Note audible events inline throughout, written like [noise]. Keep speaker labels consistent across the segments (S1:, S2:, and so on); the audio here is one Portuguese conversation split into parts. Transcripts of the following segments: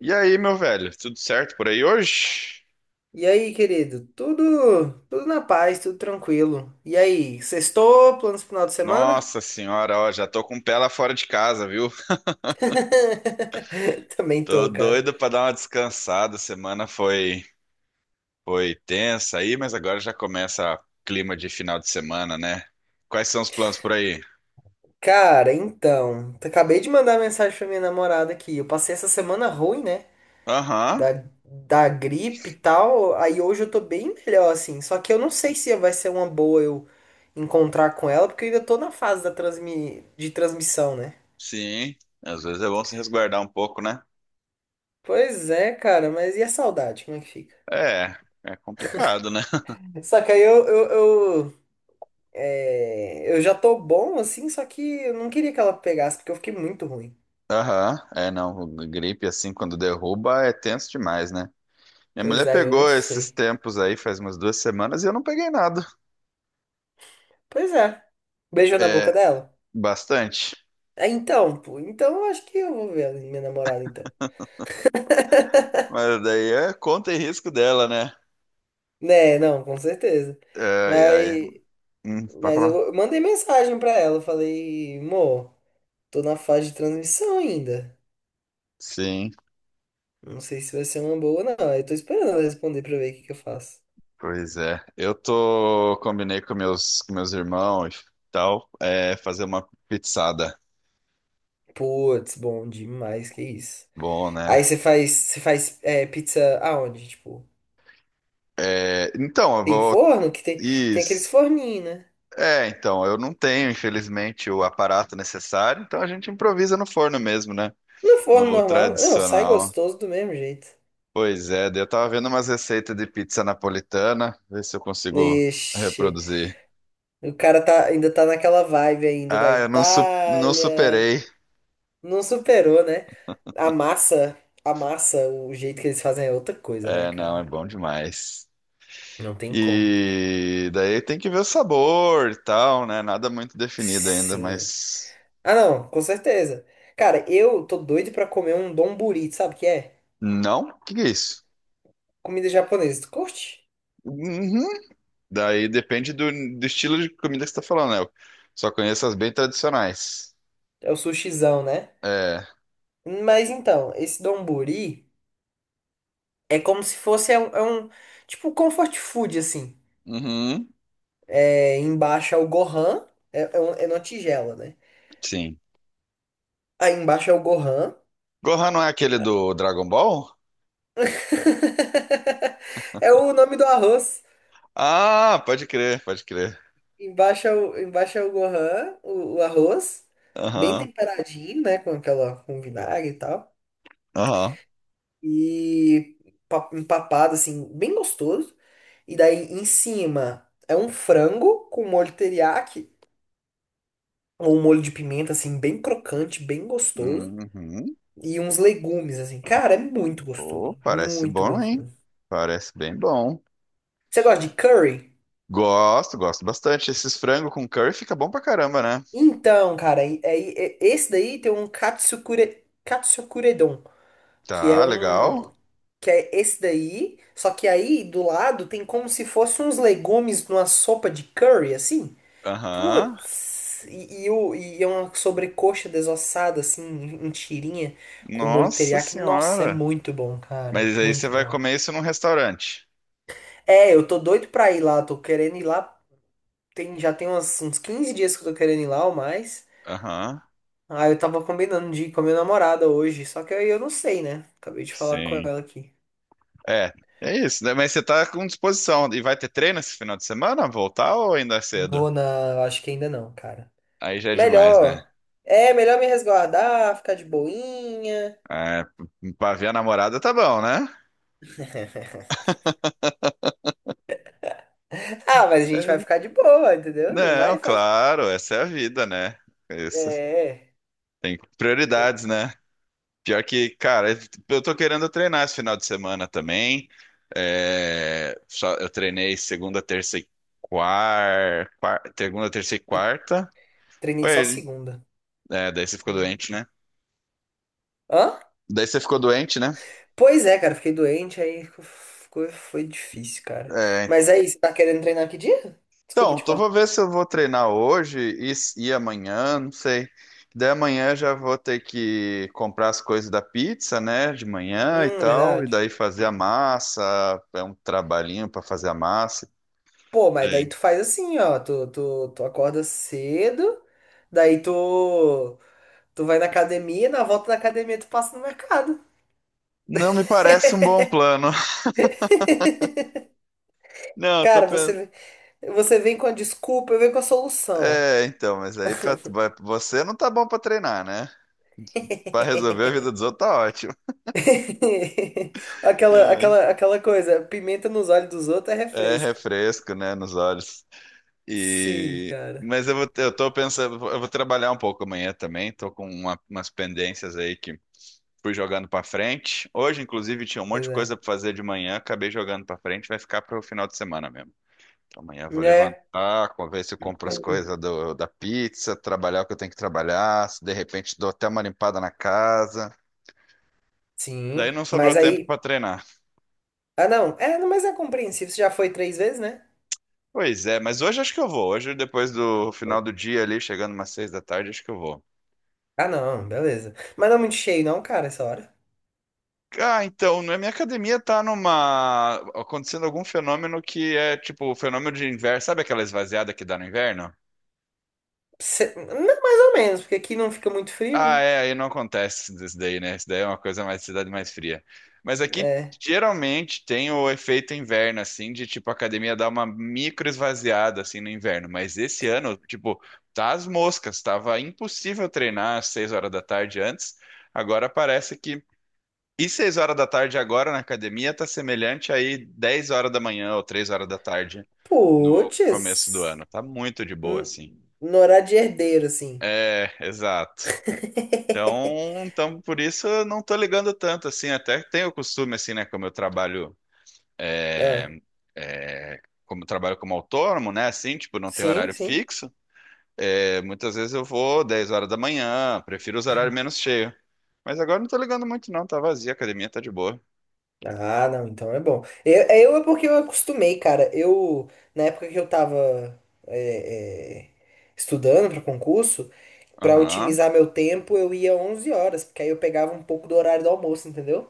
S1: E aí, meu velho, tudo certo por aí hoje?
S2: E aí, querido? Tudo na paz, tudo tranquilo. E aí, sextou? Planos pro final de semana?
S1: Nossa senhora, ó, já tô com o pé lá fora de casa, viu?
S2: [laughs] Também
S1: Tô
S2: tô, cara.
S1: doido pra dar uma descansada. A semana foi tensa aí, mas agora já começa clima de final de semana, né? Quais são os planos por aí?
S2: Cara, então, acabei de mandar mensagem pra minha namorada aqui. Eu passei essa semana ruim, né?
S1: Aham,
S2: Da gripe e tal. Aí hoje eu tô bem melhor, assim. Só que eu não sei se vai ser uma boa eu encontrar com ela, porque eu ainda tô na fase da transmissão, né?
S1: sim. Às vezes é bom se resguardar um pouco, né?
S2: Pois é, cara, mas e a saudade? Como é que fica?
S1: É, é complicado, né? [laughs]
S2: Só que aí eu, eu, eu É, eu já tô bom assim, só que eu não queria que ela pegasse, porque eu fiquei muito ruim.
S1: Aham, é, não, gripe assim quando derruba é tenso demais, né? Minha
S2: Pois
S1: mulher
S2: é, eu não
S1: pegou esses
S2: sei.
S1: tempos aí faz umas duas semanas e eu não peguei nada.
S2: Pois é. Beijou na boca
S1: É,
S2: dela?
S1: bastante.
S2: É, então, pô, então eu acho que eu vou ver a minha namorada, então.
S1: Mas daí é conta e risco dela, né?
S2: Né, não, com certeza.
S1: Ai, ai.
S2: Mas,
S1: Pode
S2: mas eu,
S1: falar.
S2: eu mandei mensagem pra ela, eu falei, amor, tô na fase de transmissão ainda.
S1: Sim,
S2: Não sei se vai ser uma boa não. Eu tô esperando ela responder pra ver o que que eu faço.
S1: pois é. Eu tô, combinei com com meus irmãos e tal, é, fazer uma pizzada.
S2: Putz, bom demais, que isso.
S1: Bom, né?
S2: Aí você faz é, pizza aonde, tipo?
S1: É, então, eu
S2: Tem
S1: vou.
S2: forno que tem, tem aqueles
S1: Isso.
S2: forninhos, né?
S1: É, então, eu não tenho, infelizmente, o aparato necessário, então a gente improvisa no forno mesmo, né?
S2: No forno
S1: No
S2: normal, não, sai
S1: tradicional.
S2: gostoso do mesmo jeito.
S1: Pois é, daí eu tava vendo umas receitas de pizza napolitana, ver se eu consigo
S2: Ixi,
S1: reproduzir.
S2: o cara tá, ainda tá naquela vibe ainda da
S1: Ah, eu não, não
S2: Itália.
S1: superei.
S2: Não superou, né? A massa, a massa, o jeito que eles fazem é outra coisa, né,
S1: É, não, é
S2: cara?
S1: bom demais.
S2: Não tem como.
S1: E daí tem que ver o sabor e tal, né? Nada muito definido ainda,
S2: Sim.
S1: mas.
S2: Ah, não, com certeza. Cara, eu tô doido pra comer um donburi, sabe o que é?
S1: Não? O que que é isso?
S2: Comida japonesa. Tu curte?
S1: Uhum. Daí depende do estilo de comida que você tá falando, né? Eu só conheço as bem tradicionais.
S2: É o sushizão, né?
S1: É.
S2: Mas então, esse donburi. É como se fosse tipo um comfort food assim.
S1: Uhum.
S2: É, embaixo é o Gohan, é uma tigela, né?
S1: Sim.
S2: Aí embaixo é o Gohan.
S1: Gohan não é aquele do Dragon Ball?
S2: [laughs] É o nome do arroz.
S1: Ah, pode crer, pode crer.
S2: Embaixo é o Gohan, o arroz, bem
S1: Aham,
S2: temperadinho, né, com aquela com vinagre e tal.
S1: aham.
S2: E empapado assim, bem gostoso. E daí em cima é um frango com molho teriyaki, ou um molho de pimenta assim, bem crocante, bem gostoso.
S1: Uhum.
S2: E uns legumes, assim. Cara, é muito
S1: Pô,
S2: gostoso.
S1: parece
S2: Muito
S1: bom, hein?
S2: gostoso.
S1: Parece bem bom.
S2: Você gosta de curry?
S1: Gosto, gosto bastante. Esses frango com curry fica bom pra caramba, né?
S2: Então, cara, esse daí tem um katsukure, katsukuredon, que é
S1: Tá,
S2: um,
S1: legal.
S2: que é esse daí, só que aí do lado tem como se fosse uns legumes numa sopa de curry, assim.
S1: Aham.
S2: Putz, e é uma sobrecoxa desossada, assim, em tirinha, com molho
S1: Nossa
S2: teriyaki. Nossa, é
S1: senhora.
S2: muito bom, cara,
S1: Mas aí você
S2: muito
S1: vai
S2: bom.
S1: comer isso num restaurante.
S2: É, eu tô doido pra ir lá, tô querendo ir lá tem, já tem uns 15 dias que eu tô querendo ir lá ou mais.
S1: Aham.
S2: Ah, eu tava combinando de ir com a minha namorada hoje, só que aí eu não sei, né? Acabei de falar com
S1: Sim.
S2: ela aqui.
S1: É, é isso, né? Mas você tá com disposição. E vai ter treino esse final de semana? Voltar ou ainda é cedo?
S2: Vou na. Eu Acho que ainda não, cara.
S1: Aí já é demais, né?
S2: Melhor. É, melhor me resguardar, ficar de boinha.
S1: É, pra ver a namorada tá bom, né?
S2: [laughs] Ah, mas a gente vai
S1: É,
S2: ficar de boa, entendeu? Não
S1: não,
S2: vai fazer.
S1: claro, essa é a vida, né? Isso.
S2: É. é.
S1: Tem
S2: Bom,
S1: prioridades, né? Pior que, cara, eu tô querendo treinar esse final de semana também. É, eu treinei segunda, terça e quarta, segunda, terça e quarta.
S2: Treinei
S1: Foi
S2: só
S1: ele.
S2: segunda.
S1: É, daí você ficou doente, né?
S2: Hã?
S1: Daí você ficou doente, né?
S2: Pois é, cara, fiquei doente, foi difícil, cara. Mas
S1: É,
S2: aí, você tá querendo treinar que dia? Desculpa
S1: então,
S2: te
S1: tô, vou
S2: cortar.
S1: ver se eu vou treinar hoje e, e amanhã, não sei. Daí amanhã eu já vou ter que comprar as coisas da pizza, né? De manhã e tal. E
S2: Verdade.
S1: daí fazer a massa. É um trabalhinho pra fazer a massa.
S2: Pô, mas daí tu faz assim, ó. Tu acorda cedo, daí tu vai na academia, na volta da academia tu passa no mercado.
S1: Não me parece um bom plano. [laughs]
S2: [laughs]
S1: Não, eu tô
S2: Cara,
S1: pensando.
S2: você, você vem com a desculpa, eu venho com a solução.
S1: É, então, mas aí pra... você não tá bom pra treinar, né? Pra resolver a vida dos outros tá ótimo.
S2: [laughs]
S1: [laughs]
S2: Aquela,
S1: Não, é,
S2: aquela, aquela coisa, pimenta nos olhos dos outros é
S1: é
S2: refresco.
S1: refresco, né, nos olhos.
S2: Sim,
S1: E
S2: cara.
S1: mas eu vou, eu tô pensando, eu vou trabalhar um pouco amanhã também. Tô com umas pendências aí que fui jogando pra frente. Hoje, inclusive, tinha um monte
S2: Pois
S1: de
S2: é.
S1: coisa pra fazer de manhã, acabei jogando pra frente, vai ficar pro final de semana mesmo. Amanhã eu vou
S2: É,
S1: levantar, ver se eu compro as coisas da pizza, trabalhar o que eu tenho que trabalhar, se de repente dou até uma limpada na casa. Daí
S2: sim.
S1: não sobrou
S2: Mas
S1: tempo
S2: aí.
S1: para treinar.
S2: Ah, não. É, não, mas é compreensível. Você já foi três vezes, né?
S1: Pois é, mas hoje acho que eu vou. Hoje, depois do final do dia ali, chegando umas seis da tarde, acho que eu vou.
S2: Ah, não, beleza. Mas não é muito cheio, não, cara, essa hora.
S1: Ah, então, na minha academia tá numa... acontecendo algum fenômeno que é tipo o fenômeno de inverno. Sabe aquela esvaziada que dá no inverno?
S2: Não, mais ou menos, porque aqui não fica muito frio,
S1: Ah,
S2: né?
S1: é, aí não acontece isso daí, né? Isso daí é uma coisa mais cidade mais fria. Mas aqui
S2: É.
S1: geralmente tem o efeito inverno, assim, de tipo a academia dar uma micro esvaziada assim no inverno. Mas esse ano, tipo, tá as moscas, tava impossível treinar às seis horas da tarde antes. Agora parece que. E seis horas da tarde agora na academia tá semelhante aí 10 horas da manhã ou três horas da tarde no começo do
S2: Puts.
S1: ano. Tá muito de boa,
S2: N-
S1: assim.
S2: No horário de herdeiro, assim.
S1: É, exato.
S2: [laughs]
S1: Então, por isso eu não tô ligando tanto, assim, até tenho o costume, assim, né, como eu trabalho, é,
S2: Ah,
S1: é, como eu trabalho como autônomo, né, assim, tipo, não tem
S2: sim,
S1: horário
S2: sim.
S1: fixo, é, muitas vezes eu vou 10 horas da manhã, prefiro os horários menos cheios. Mas agora não tô ligando muito não, tá vazia, a academia tá de boa.
S2: Ah, não, então é bom. Eu é porque eu acostumei, cara. Eu, na época que eu tava é, é, estudando para concurso, para
S1: Aham,
S2: otimizar meu tempo, eu ia 11 horas, porque aí eu pegava um pouco do horário do almoço, entendeu?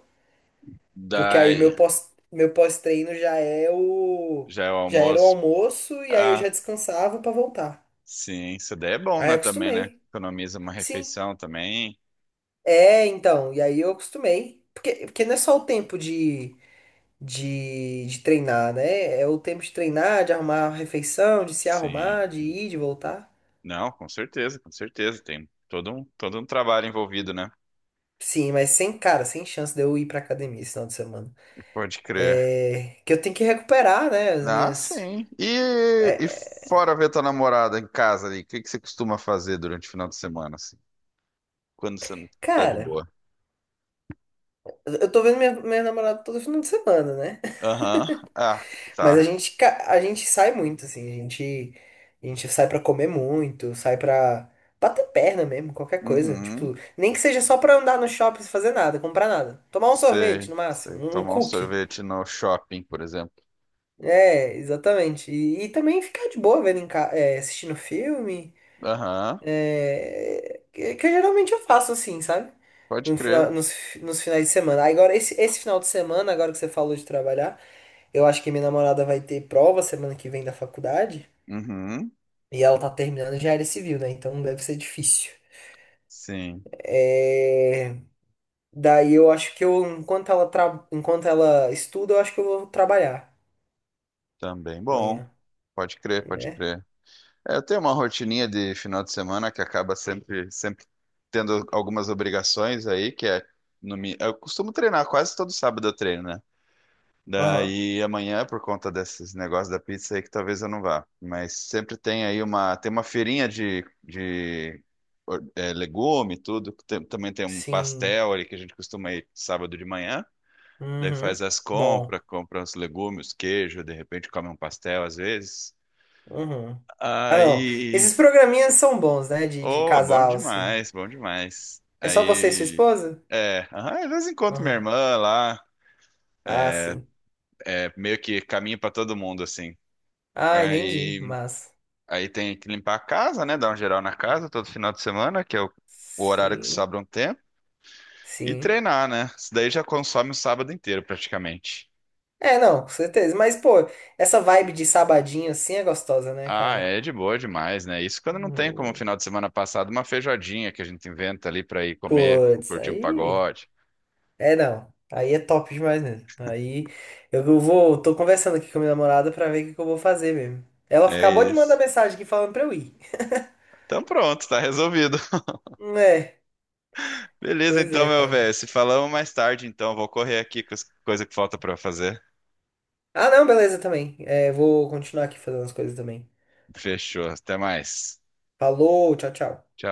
S2: Porque aí o
S1: daí,
S2: meu meu pós-treino já é o.
S1: já é o
S2: Já era o
S1: almoço.
S2: almoço e aí eu
S1: Ah,
S2: já descansava pra voltar.
S1: sim, isso daí é bom,
S2: Aí
S1: né,
S2: eu
S1: também, né,
S2: acostumei.
S1: economiza uma
S2: Sim.
S1: refeição também,
S2: É, então. E aí eu acostumei. Porque, porque não é só o tempo de treinar, né? É o tempo de treinar, de arrumar a refeição, de se
S1: sim.
S2: arrumar, de ir, de voltar.
S1: Não, com certeza, com certeza. Tem todo um trabalho envolvido, né?
S2: Sim, mas sem, cara, sem chance de eu ir pra academia esse final de semana.
S1: Pode crer.
S2: É. Que eu tenho que recuperar, né? As
S1: Ah,
S2: minhas.
S1: sim. E
S2: é, é,
S1: fora ver tua namorada em casa ali, o que que você costuma fazer durante o final de semana, assim? Quando você não tá de
S2: cara,
S1: boa.
S2: eu tô vendo minha, minha namorada todo final de semana, né?
S1: Aham. Ah,
S2: Mas a
S1: tá.
S2: gente, a gente sai muito, assim, a gente sai pra comer muito, sai pra bater perna mesmo, qualquer coisa.
S1: Uhum.
S2: Tipo, nem que seja só pra andar no shopping sem fazer nada, comprar nada. Tomar um sorvete,
S1: Sei,
S2: no
S1: sei.
S2: máximo, um
S1: Tomar um
S2: cookie.
S1: sorvete no shopping, por exemplo.
S2: É, exatamente. E também ficar de boa vendo é, assistindo filme.
S1: Aham.
S2: É... Que geralmente eu faço assim, sabe?
S1: Pode
S2: No
S1: crer.
S2: final, nos finais de semana. Agora, esse final de semana, agora que você falou de trabalhar, eu acho que minha namorada vai ter prova semana que vem da faculdade.
S1: Uhum.
S2: E ela tá terminando já área civil, né? Então deve ser difícil.
S1: Sim.
S2: É... Daí eu acho que eu, enquanto ela estuda, eu acho que eu vou trabalhar
S1: Também bom.
S2: amanhã,
S1: Pode crer, pode
S2: né?
S1: crer. É, eu tenho uma rotininha de final de semana que acaba sempre, sempre tendo algumas obrigações aí, que é no, mi- eu costumo treinar quase todo sábado eu treino, né?
S2: Aham.
S1: Daí amanhã, por conta desses negócios da pizza aí, que talvez eu não vá. Mas sempre tem aí uma, tem uma feirinha de é, legume, e tudo. Também tem um
S2: Sim.
S1: pastel ali que a gente costuma ir sábado de manhã. Daí faz
S2: Uhum.
S1: as
S2: Bom.
S1: compras, compra os legumes, queijo, de repente come um pastel às vezes.
S2: Uhum. Ah, não.
S1: Aí
S2: Esses programinhas são bons, né? De
S1: oh, bom
S2: casal, assim.
S1: demais, bom demais.
S2: É só você e sua
S1: Aí,
S2: esposa?
S1: é, aham, às vezes encontro minha
S2: Ah,
S1: irmã lá,
S2: ah, sim.
S1: é, meio que caminho pra todo mundo, assim.
S2: Ah, entendi.
S1: Aí,
S2: Mas.
S1: aí tem que limpar a casa, né? Dar um geral na casa todo final de semana, que é o horário que
S2: Sim.
S1: sobra um tempo. E
S2: Sim.
S1: treinar, né? Isso daí já consome o sábado inteiro, praticamente.
S2: É, não, com certeza. Mas, pô, essa vibe de sabadinho assim é gostosa, né,
S1: Ah,
S2: cara?
S1: é de boa demais, né? Isso quando não tem como
S2: Hum,
S1: final de semana passado, uma feijoadinha que a gente inventa ali pra ir comer,
S2: Putz,
S1: curtir um
S2: aí.
S1: pagode.
S2: É não. Aí é top demais mesmo. Aí eu vou. Tô conversando aqui com a minha namorada pra ver o que que eu vou fazer mesmo. Ela
S1: É
S2: acabou de mandar
S1: isso.
S2: mensagem aqui falando pra eu ir.
S1: Então pronto, tá resolvido.
S2: É,
S1: Beleza,
S2: pois
S1: então,
S2: é,
S1: meu velho.
S2: cara.
S1: Se falamos mais tarde, então. Vou correr aqui com as coisas que falta pra fazer.
S2: Ah, não, beleza também. É, vou continuar aqui fazendo as coisas também.
S1: Fechou. Até mais.
S2: Falou, tchau, tchau.
S1: Tchau.